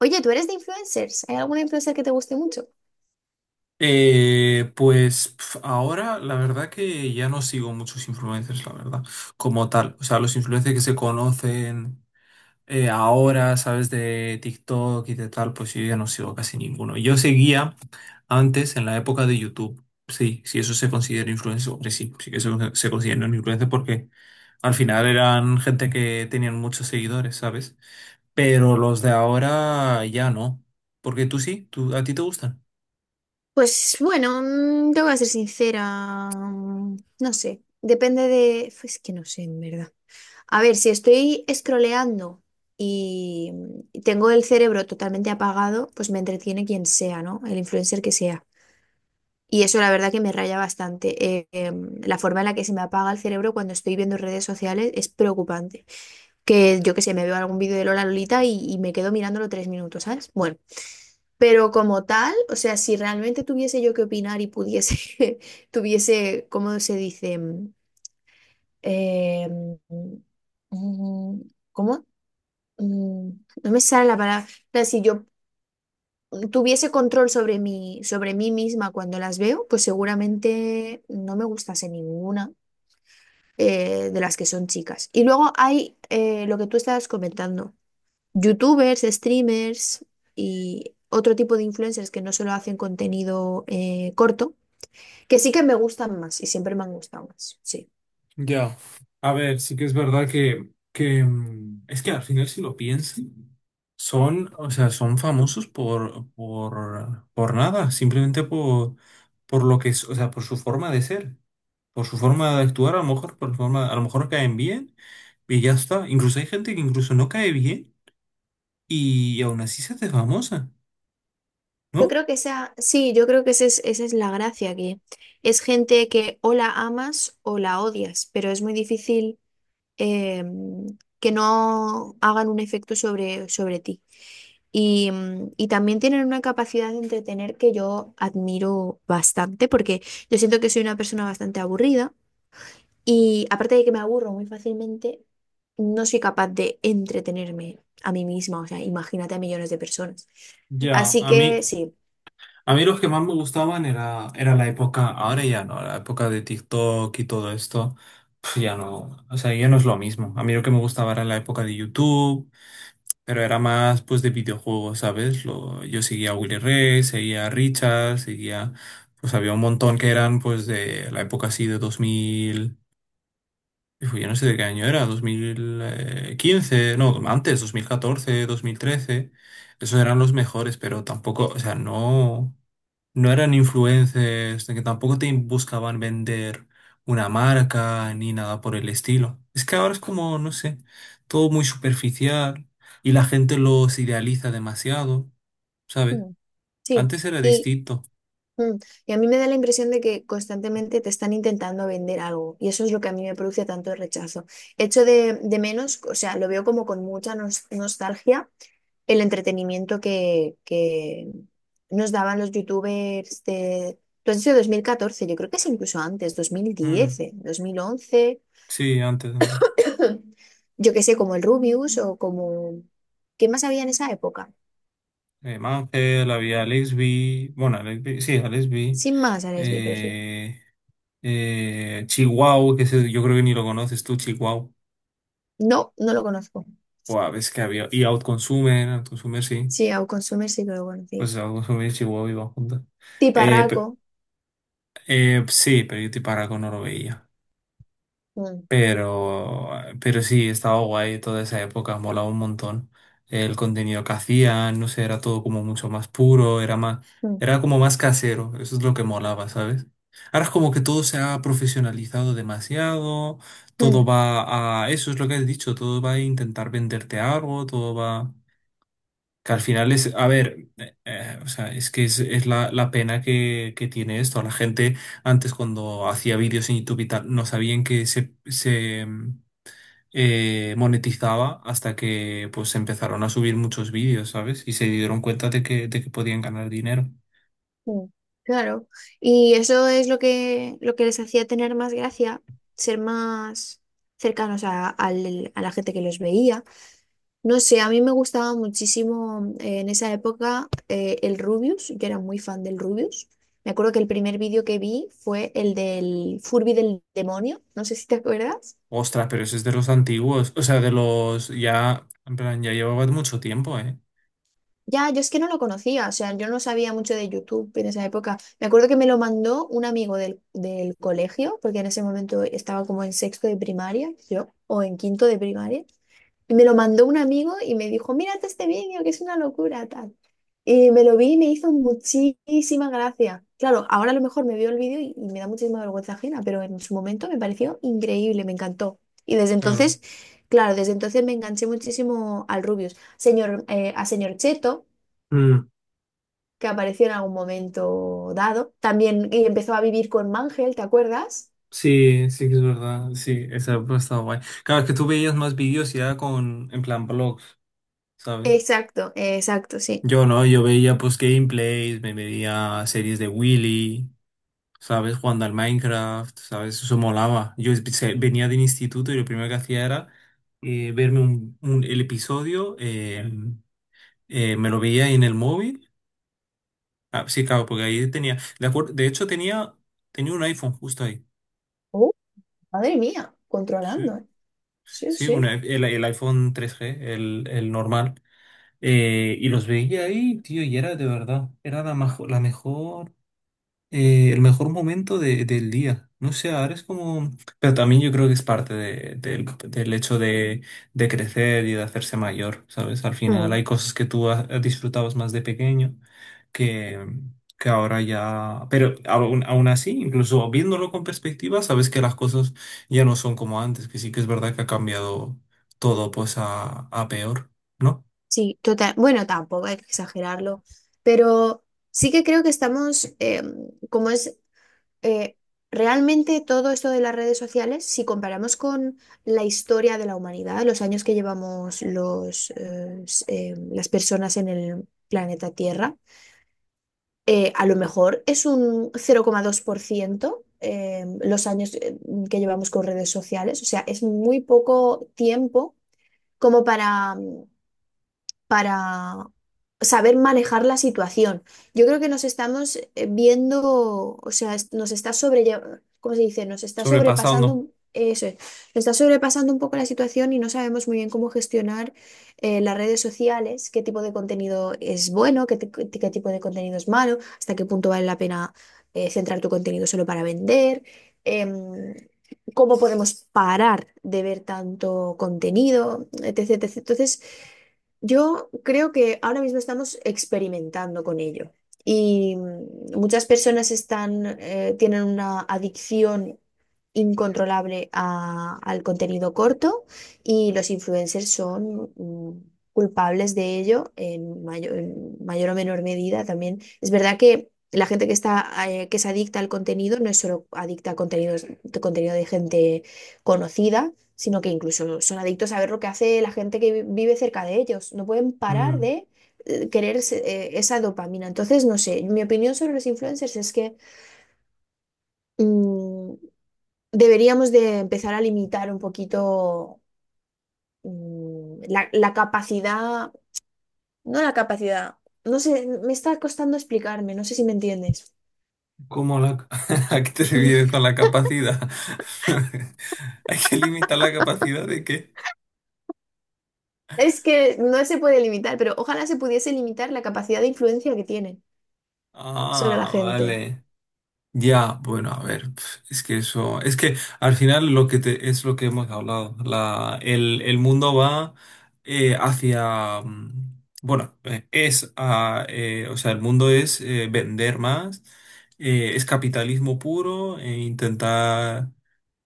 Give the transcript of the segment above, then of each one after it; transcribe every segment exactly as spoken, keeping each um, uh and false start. Oye, ¿tú eres de influencers? ¿Hay alguna influencer que te guste mucho? Eh, pues pf, ahora la verdad que ya no sigo muchos influencers, la verdad, como tal. O sea, los influencers que se conocen eh, ahora, sabes, de TikTok y de tal, pues yo ya no sigo casi ninguno. Yo seguía antes en la época de YouTube. Sí, si eso se considera influencer, hombre, sí, sí que se, se considera un, porque al final eran gente que tenían muchos seguidores, ¿sabes? Pero los de ahora ya no. Porque tú sí, tú, ¿a ti te gustan? Pues bueno, mm, te voy ser sincera, mm, no sé, depende de... Es que no sé, en verdad. A ver, si estoy scrolleando y mm, tengo el cerebro totalmente apagado, pues me entretiene quien sea, ¿no? El influencer que sea. Y eso la verdad que me raya bastante. Eh, em, la forma en la que se me apaga el cerebro cuando estoy viendo redes sociales es preocupante. Que yo que sé, me veo algún vídeo de Lola Lolita y, y me quedo mirándolo tres minutos, ¿sabes? Bueno. Pero como tal, o sea, si realmente tuviese yo que opinar y pudiese, tuviese, ¿cómo se dice? Mm, eh, mm, ¿Cómo? Mm, No me sale la palabra. O sea, si yo tuviese control sobre mí, sobre mí misma cuando las veo, pues seguramente no me gustase ninguna eh, de las que son chicas. Y luego hay eh, lo que tú estabas comentando. YouTubers, streamers y otro tipo de influencers que no solo hacen contenido eh, corto, que sí que me gustan más y siempre me han gustado más, sí. Ya, a ver, sí que es verdad que, que mm, es que al final si lo piensan, son, o sea, son famosos por, por, por nada, simplemente por, por lo que es, o sea, por su forma de ser, por su forma de actuar, a lo mejor, por su forma, a lo mejor caen bien y ya está. Incluso hay gente que incluso no cae bien y aún así se hace famosa, Yo ¿no? creo que esa, sí, yo creo que esa es, esa es la gracia, que es gente que o la amas o la odias, pero es muy difícil eh, que no hagan un efecto sobre, sobre ti. Y, mm, y también tienen una capacidad de entretener que yo admiro bastante, porque yo siento que soy una persona bastante aburrida. Y aparte de que me aburro muy fácilmente, no soy capaz de entretenerme a mí misma, o sea, imagínate a millones de personas. Ya, Así a mí, que sí, A mí los que más me gustaban era, era la época, ahora ya no, la época de TikTok y todo esto, pf, ya no, o sea, ya no es lo mismo. A mí lo que me gustaba era la época de YouTube, pero era más pues de videojuegos, ¿sabes? Lo, yo seguía a Willy Rex, seguía a Richard, seguía, pues había un montón que eran pues de la época así de dos mil. Hijo, yo no sé de qué año era, dos mil quince no, antes, dos dos mil catorce, dos mil trece. Esos eran los mejores, pero tampoco, o sea, no, no eran influencers, de que tampoco te buscaban vender una marca ni nada por el estilo. Es que ahora es como, no sé, todo muy superficial y la gente los idealiza demasiado, ¿sabes? mm, sí. Antes era distinto. Mm. Y a mí me da la impresión de que constantemente te están intentando vender algo y eso es lo que a mí me produce tanto rechazo. Hecho de, de menos, o sea, lo veo como con mucha nos- nostalgia el entretenimiento que, que nos daban los youtubers de... Tú has dicho dos mil catorce, yo creo que es incluso antes, Mm, dos mil diez, eh, dos mil once. sí, antes, antes. Yo que sé, como el Rubius o como... ¿Qué más había en esa época? Eh, Mangel, había Alex B. Bueno, Alex B, sí, Alex B. Sin más, Aresby, pero sí. Eh, eh, Chihuahua, que ese yo creo que ni lo conoces tú, Chihuahua. No, no lo conozco. O a veces que había. Y Outconsumer, Outconsumer sí. Sí, a consumir sí que lo conocí. Pues Outconsumer y Chihuahua iban juntas. Eh, Tiparraco. pe- eh, sí, pero yo te para con no lo veía. Mm, Pero, pero sí, estaba guay toda esa época, molaba un montón. El contenido que hacían, no sé, era todo como mucho más puro, era más, mm, era como más casero, eso es lo que molaba, ¿sabes? Ahora es como que todo se ha profesionalizado demasiado, todo mm, va a, eso es lo que has dicho, todo va a intentar venderte algo, todo va, que al final es, a ver, eh, eh, o sea, es que es, es la, la pena que, que tiene esto, la gente antes cuando hacía vídeos en YouTube y tal, no sabían que se, se eh, monetizaba hasta que pues empezaron a subir muchos vídeos, ¿sabes? Y se dieron cuenta de que, de que podían ganar dinero. mm. Claro. Y eso es lo que, lo que les hacía tener más gracia, ser más cercanos a, al- a la gente que los veía. No sé, a mí me gustaba muchísimo eh, en esa época eh, el Rubius. Yo era muy fan del Rubius. Me acuerdo que el primer vídeo que vi fue el del Furby del demonio. No sé si te acuerdas. Ostras, pero ese es de los antiguos, o sea, de los ya, en plan, ya llevaba mucho tiempo, ¿eh? Ya, yo es que no lo conocía, o sea, yo no sabía mucho de YouTube en esa época. Me acuerdo que me lo mandó un amigo del, del colegio, porque en ese momento estaba como en sexto de primaria, yo, o en quinto de primaria, y me lo mandó un amigo y me dijo, mírate este vídeo, que es una locura, tal. Y me lo vi y me hizo muchísima gracia. Claro, ahora a lo mejor me veo el vídeo y, y me da muchísima vergüenza ajena, pero en su momento me pareció increíble, me encantó. Y desde Claro. entonces, claro, desde entonces me enganché muchísimo al Rubius. Señor, eh, a señor Cheto Mm, que apareció en algún momento dado. También y empezó a vivir con Mangel, ¿te acuerdas? sí, sí que es verdad. Sí, esa ha estado guay. Claro, es que tú veías más vídeos ya con, en plan, blogs, ¿sabes? Exacto, exacto, sí. Yo no, yo veía pues gameplays, me veía series de Willy. ¿Sabes? Jugando al Minecraft, ¿sabes? Eso molaba. Yo es- se- venía del instituto y lo primero que hacía era eh, verme un, un- el episodio, eh, eh, me lo veía en el móvil. Ah, sí, claro, porque ahí tenía, de acuerdo, de hecho tenía, tenía un iPhone justo ahí. Oh, madre mía, Sí, controlando. ¿Eh? Sí, sí, un i- sí. el, el iPhone tres G, el, el normal. Eh, y los veía ahí, tío, y era de verdad, era la, majo- la mejor eh, el mejor momento de- del día. No sé, ahora es como. Pero también yo creo que es parte de- del, del hecho de, de crecer y de hacerse mayor, ¿sabes? Al final Mm. hay cosas que tú ha- disfrutabas más de pequeño que, que ahora ya. Pero aún, aún así, incluso viéndolo con perspectiva, sabes que las cosas ya no son como antes, que sí que es verdad que ha cambiado todo pues a, a peor, ¿no? Sí, total. Bueno, tampoco hay que exagerarlo, pero sí que creo que estamos, eh, como es eh, realmente todo esto de las redes sociales, si comparamos con la historia de la humanidad, los años que llevamos los, eh, s- eh, las personas en el planeta Tierra, eh, a lo mejor es un cero coma dos por ciento eh, los años eh, que llevamos con redes sociales. O sea, es muy poco tiempo como para mm, para saber manejar la situación. Yo creo que nos estamos eh, viendo, o sea, es- nos está sobrellevando, ¿cómo se dice? Nos está sobrepasando, Sobrepasado, un- eso es, nos está sobrepasando un poco la situación y no sabemos muy bien cómo gestionar eh, las redes sociales, qué tipo de contenido es bueno, qué, ti- qué tipo de contenido es malo, hasta qué punto vale la pena eh, centrar tu contenido solo para vender. em, Cómo podemos parar de ver tanto contenido, etcétera etcétera. Entonces, yo creo que ahora mismo estamos experimentando con ello y mm, muchas personas están, eh, tienen una adicción incontrolable a- al contenido corto y los influencers son mm, culpables de ello en mayor, en mayor o menor medida también. Es verdad que la gente que está, eh, que es adicta al contenido no es solo adicta a contenidos, contenido de gente conocida, sino que incluso son adictos a ver lo que hace la gente que vi- vive cerca de ellos. No pueden parar ¿no? de eh, querer ese- eh, esa dopamina. Entonces, no sé, mi opinión sobre los influencers es que mm, deberíamos de empezar a limitar un poquito, mm, la, la capacidad, no la capacidad, no sé, me está costando explicarme, no sé si me entiendes. ¿Cómo la? ¿A qué te refieres con la capacidad? ¿Hay que limitar la capacidad de qué? Es que no se puede limitar, pero ojalá se pudiese limitar la capacidad de influencia que tienen sobre la Ah, gente. vale. Ya, bueno, a ver, pf, es que eso, es que al final lo que te, es lo que hemos hablado, la, el, el mundo va eh, hacia, mm, bueno, eh, es, a, eh, o sea, el mundo es eh, vender más, eh, es capitalismo puro, e intentar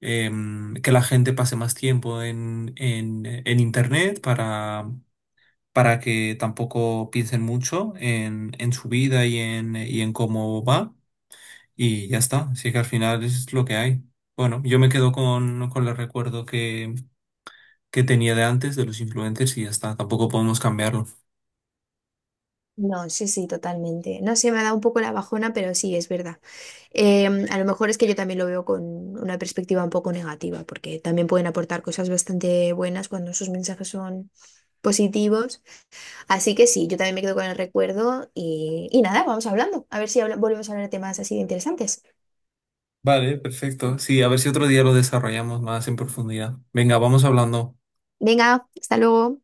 em, que la gente pase más tiempo en, en, en internet para, para que tampoco piensen mucho en, en su vida y en, y en cómo va. Y ya está, así que al final es lo que hay. Bueno, yo me quedo con, con el recuerdo que, que tenía de antes de los influencers y ya está, tampoco podemos cambiarlo. No, sí, sí, totalmente. No sé, me ha dado un poco la bajona, pero sí, es verdad. Em, a lo mejor es que yo también lo veo con una perspectiva un poco negativa, porque también pueden aportar cosas bastante buenas cuando sus mensajes son positivos. Así que sí, yo también me quedo con el recuerdo y, y nada, vamos hablando. A ver si habla- volvemos a hablar de temas así de interesantes. Vale, perfecto. Sí, a ver si otro día lo desarrollamos más en profundidad. Venga, vamos hablando. Venga, hasta luego.